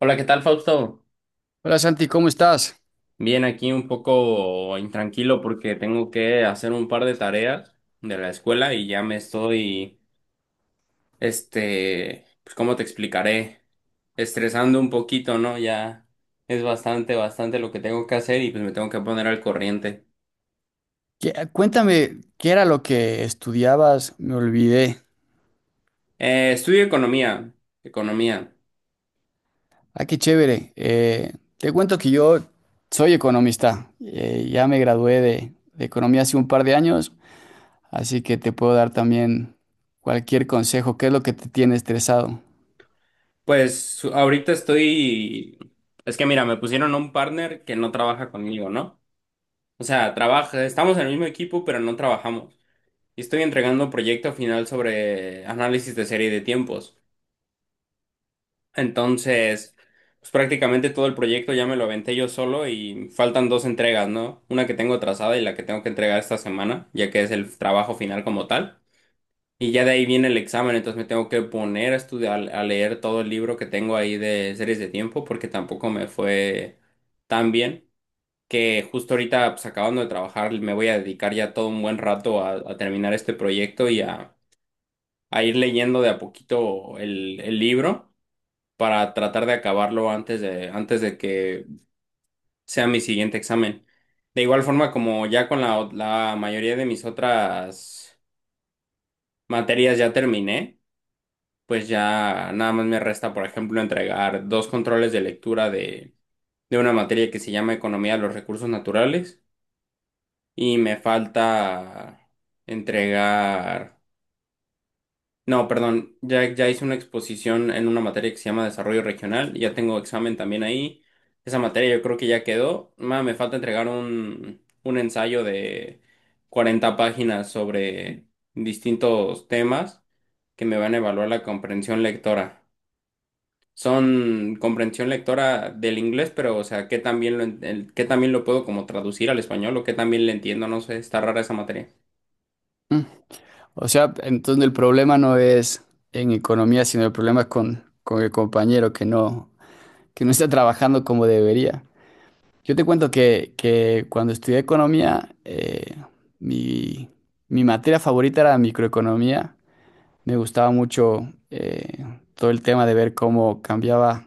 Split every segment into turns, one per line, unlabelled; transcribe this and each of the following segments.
Hola, ¿qué tal, Fausto?
Hola Santi, ¿cómo estás?
Bien, aquí un poco intranquilo porque tengo que hacer un par de tareas de la escuela y ya me estoy, pues, ¿cómo te explicaré? Estresando un poquito, ¿no? Ya es bastante, bastante lo que tengo que hacer y pues me tengo que poner al corriente.
Cuéntame, ¿qué era lo que estudiabas? Me olvidé.
Estudio economía, economía.
Ah, qué chévere. Te cuento que yo soy economista. Ya me gradué de economía hace un par de años, así que te puedo dar también cualquier consejo. ¿Qué es lo que te tiene estresado?
Pues ahorita estoy, es que mira, me pusieron a un partner que no trabaja conmigo, ¿no? O sea, trabaja, estamos en el mismo equipo, pero no trabajamos. Y estoy entregando proyecto final sobre análisis de serie de tiempos. Entonces, pues prácticamente todo el proyecto ya me lo aventé yo solo y faltan dos entregas, ¿no? Una que tengo trazada y la que tengo que entregar esta semana, ya que es el trabajo final como tal. Y ya de ahí viene el examen, entonces me tengo que poner a estudiar, a leer todo el libro que tengo ahí de series de tiempo, porque tampoco me fue tan bien que justo ahorita, pues acabando de trabajar, me voy a dedicar ya todo un buen rato a terminar este proyecto y a ir leyendo de a poquito el libro para tratar de acabarlo antes de que sea mi siguiente examen. De igual forma, como ya con la mayoría de mis otras materias ya terminé, pues ya nada más me resta, por ejemplo, entregar dos controles de lectura de, una materia que se llama Economía de los Recursos Naturales y me falta entregar. No, perdón, ya hice una exposición en una materia que se llama Desarrollo Regional, ya tengo examen también ahí. Esa materia yo creo que ya quedó. Me falta entregar un ensayo de 40 páginas sobre distintos temas que me van a evaluar la comprensión lectora. Son comprensión lectora del inglés, pero o sea, ¿qué también lo puedo como traducir al español o qué también le entiendo? No sé, está rara esa materia.
O sea, entonces el problema no es en economía, sino el problema es con el compañero que no está trabajando como debería. Yo te cuento que cuando estudié economía, mi, mi materia favorita era microeconomía. Me gustaba mucho todo el tema de ver cómo cambiaba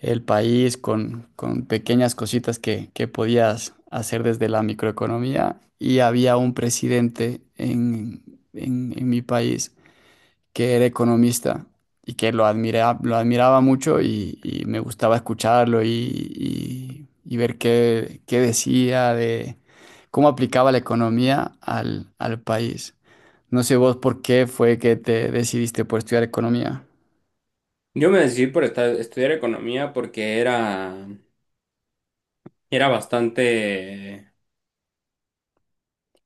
el país con pequeñas cositas que podías hacer desde la microeconomía. Y había un presidente en mi país que era economista y que lo admiraba mucho y me gustaba escucharlo y ver qué decía de cómo aplicaba la economía al país. No sé vos por qué fue que te decidiste por estudiar economía.
Yo me decidí por estudiar economía porque era bastante,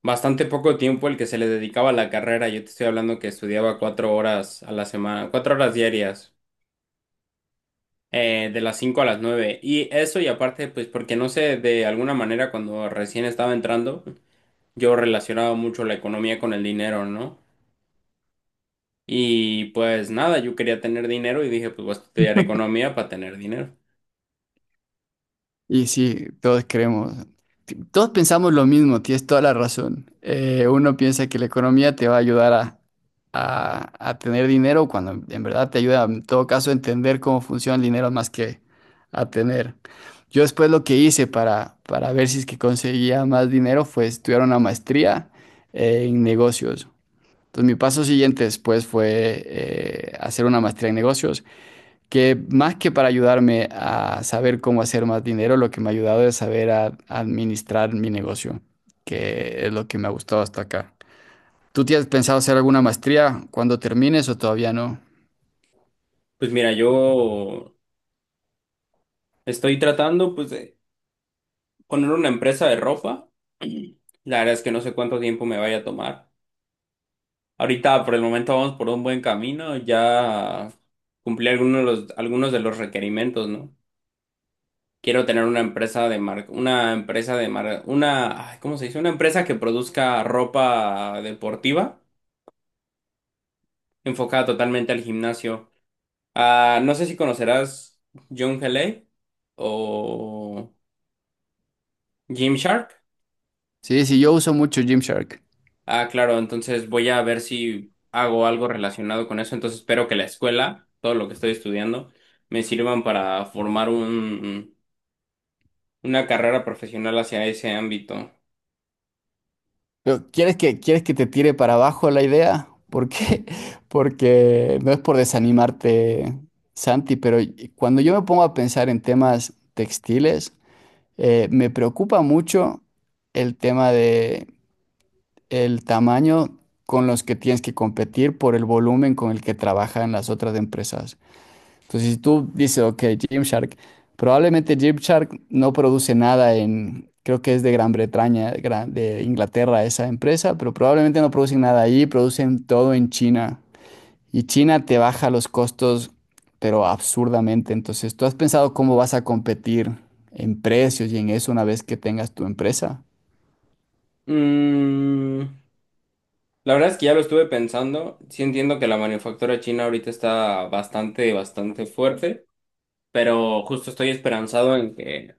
bastante poco tiempo el que se le dedicaba a la carrera. Yo te estoy hablando que estudiaba 4 horas a la semana, 4 horas diarias, de las 5 a las 9. Y eso y aparte, pues porque no sé, de alguna manera cuando recién estaba entrando, yo relacionaba mucho la economía con el dinero, ¿no? Y pues nada, yo quería tener dinero y dije, pues voy a estudiar economía para tener dinero.
Y sí, todos creemos, todos pensamos lo mismo, tienes toda la razón. Uno piensa que la economía te va a ayudar a tener dinero cuando en verdad te ayuda en todo caso a entender cómo funciona el dinero más que a tener. Yo después lo que hice para ver si es que conseguía más dinero fue estudiar una maestría en negocios. Entonces mi paso siguiente después fue hacer una maestría en negocios que más que para ayudarme a saber cómo hacer más dinero, lo que me ha ayudado es saber administrar mi negocio, que es lo que me ha gustado hasta acá. ¿Tú tienes pensado hacer alguna maestría cuando termines o todavía no?
Pues mira, yo estoy tratando, pues, de poner una empresa de ropa, la verdad es que no sé cuánto tiempo me vaya a tomar. Ahorita por el momento vamos por un buen camino, ya cumplí algunos de los requerimientos, ¿no? Quiero tener una empresa de marca, una, ay, ¿cómo se dice? Una empresa que produzca ropa deportiva enfocada totalmente al gimnasio. Ah, no sé si conocerás John L.A. o Gymshark.
Sí, sí, yo uso mucho Gymshark.
Ah, claro, entonces voy a ver si hago algo relacionado con eso. Entonces espero que la escuela, todo lo que estoy estudiando, me sirvan para formar una carrera profesional hacia ese ámbito.
Pero ¿quieres que te tire para abajo la idea? ¿Por qué? Porque no es por desanimarte, Santi, pero cuando yo me pongo a pensar en temas textiles, me preocupa mucho el tema de el tamaño con los que tienes que competir por el volumen con el que trabajan las otras empresas. Entonces, si tú dices, ok, Gymshark, probablemente Gymshark no produce nada en, creo que es de Gran Bretaña, de Inglaterra esa empresa, pero probablemente no producen nada ahí, producen todo en China. Y China te baja los costos, pero absurdamente. Entonces, ¿tú has pensado cómo vas a competir en precios y en eso una vez que tengas tu empresa?
Mm, la verdad es que ya lo estuve pensando. Sí entiendo que la manufactura china ahorita está bastante, bastante fuerte, pero justo estoy esperanzado en que,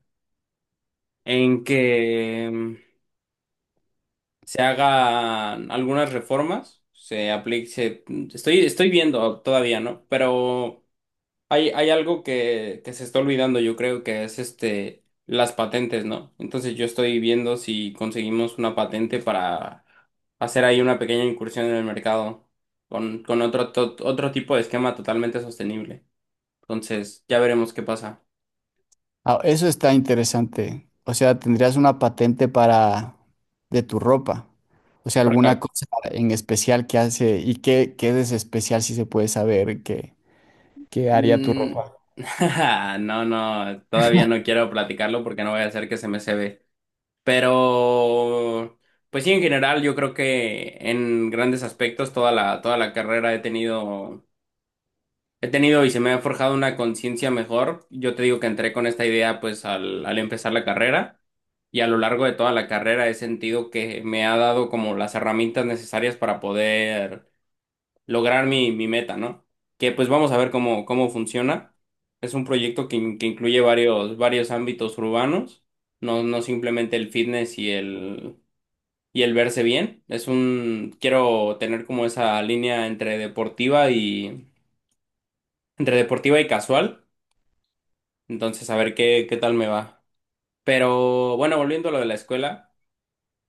en que se hagan algunas reformas, se aplique, estoy viendo todavía, ¿no? Pero hay algo que se está olvidando, yo creo que es las patentes, ¿no? Entonces yo estoy viendo si conseguimos una patente para hacer ahí una pequeña incursión en el mercado con otro tipo de esquema totalmente sostenible. Entonces ya veremos qué pasa.
Ah, eso está interesante. O sea, tendrías una patente para de tu ropa. O sea,
Para-
alguna cosa en especial que hace y qué es especial si se puede saber qué haría tu
mm,
ropa.
No, no, todavía no quiero platicarlo porque no voy a hacer que se me se. Pero, pues sí, en general, yo creo que en grandes aspectos toda la carrera he tenido y se me ha forjado una conciencia mejor. Yo te digo que entré con esta idea pues al empezar la carrera y a lo largo de toda la carrera he sentido que me ha dado como las herramientas necesarias para poder lograr mi meta, ¿no? Que pues vamos a ver cómo funciona. Es un proyecto que incluye varios ámbitos urbanos, no, no simplemente el fitness y el verse bien. Quiero tener como esa línea entre deportiva y, casual. Entonces, a ver qué tal me va. Pero bueno, volviendo a lo de la escuela,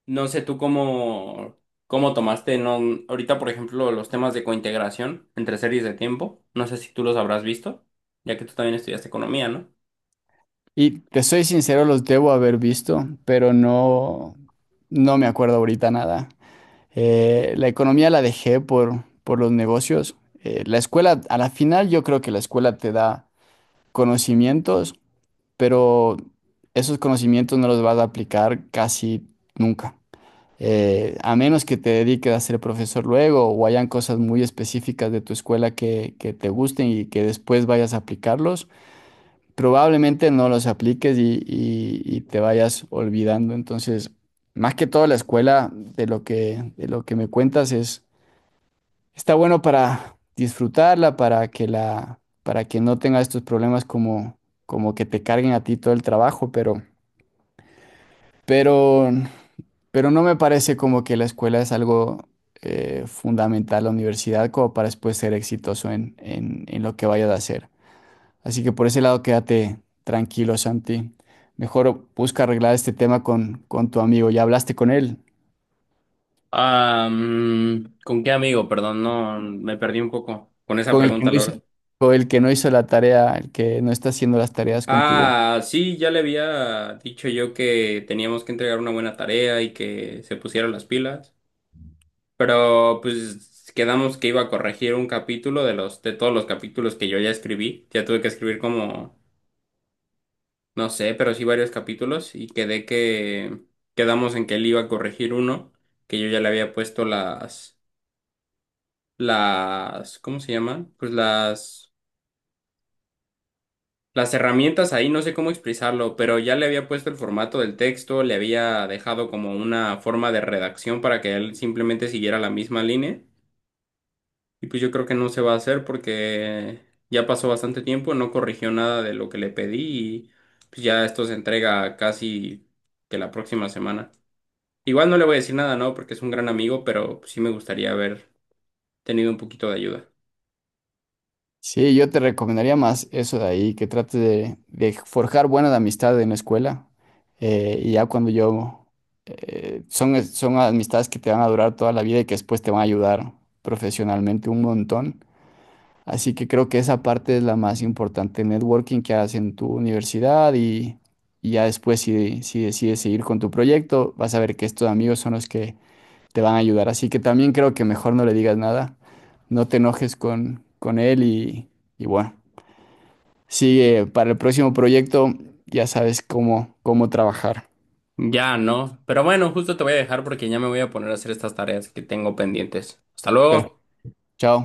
no sé tú cómo tomaste, no, ahorita, por ejemplo, los temas de cointegración entre series de tiempo. No sé si tú los habrás visto, ya que tú también estudiaste economía, ¿no?
Y te soy sincero, los debo haber visto, pero no, no me acuerdo ahorita nada. La economía la dejé por los negocios. La escuela, a la final yo creo que la escuela te da conocimientos, pero esos conocimientos no los vas a aplicar casi nunca. A menos que te dediques a ser profesor luego o hayan cosas muy específicas de tu escuela que te gusten y que después vayas a aplicarlos, probablemente no los apliques y te vayas olvidando. Entonces, más que todo la escuela de lo de lo que me cuentas es. Está bueno para disfrutarla, para que no tenga estos problemas como que te carguen a ti todo el trabajo, pero, pero no me parece como que la escuela es algo fundamental, la universidad, como para después ser exitoso en lo que vayas a hacer. Así que por ese lado quédate tranquilo, Santi. Mejor busca arreglar este tema con tu amigo. ¿Ya hablaste con él?
Ah, ¿con qué amigo? Perdón, no, me perdí un poco con esa
Con el que no
pregunta,
hizo,
Laura.
con el que no hizo la tarea, el que no está haciendo las tareas contigo.
Ah, sí, ya le había dicho yo que teníamos que entregar una buena tarea y que se pusiera las pilas, pero pues quedamos que iba a corregir un capítulo de los de todos los capítulos que yo ya escribí. Ya tuve que escribir como no sé, pero sí varios capítulos y quedé que quedamos en que él iba a corregir uno que yo ya le había puesto las ¿cómo se llaman? Pues las herramientas ahí no sé cómo expresarlo, pero ya le había puesto el formato del texto, le había dejado como una forma de redacción para que él simplemente siguiera la misma línea. Y pues yo creo que no se va a hacer porque ya pasó bastante tiempo, no corrigió nada de lo que le pedí y pues ya esto se entrega casi que la próxima semana. Igual no le voy a decir nada, ¿no? Porque es un gran amigo, pero sí me gustaría haber tenido un poquito de ayuda.
Sí, yo te recomendaría más eso de ahí, que trate de forjar buenas amistades en la escuela. eh, y ya cuando yo... eh, son amistades que te van a durar toda la vida y que después te van a ayudar profesionalmente un montón. Así que creo que esa parte es la más importante, networking que hagas en tu universidad y ya después si decides seguir con tu proyecto, vas a ver que estos amigos son los que te van a ayudar. Así que también creo que mejor no le digas nada, no te enojes con él y bueno, sigue para el próximo proyecto, ya sabes cómo trabajar.
Ya no, pero bueno, justo te voy a dejar porque ya me voy a poner a hacer estas tareas que tengo pendientes. Hasta
Pero
luego.
chao.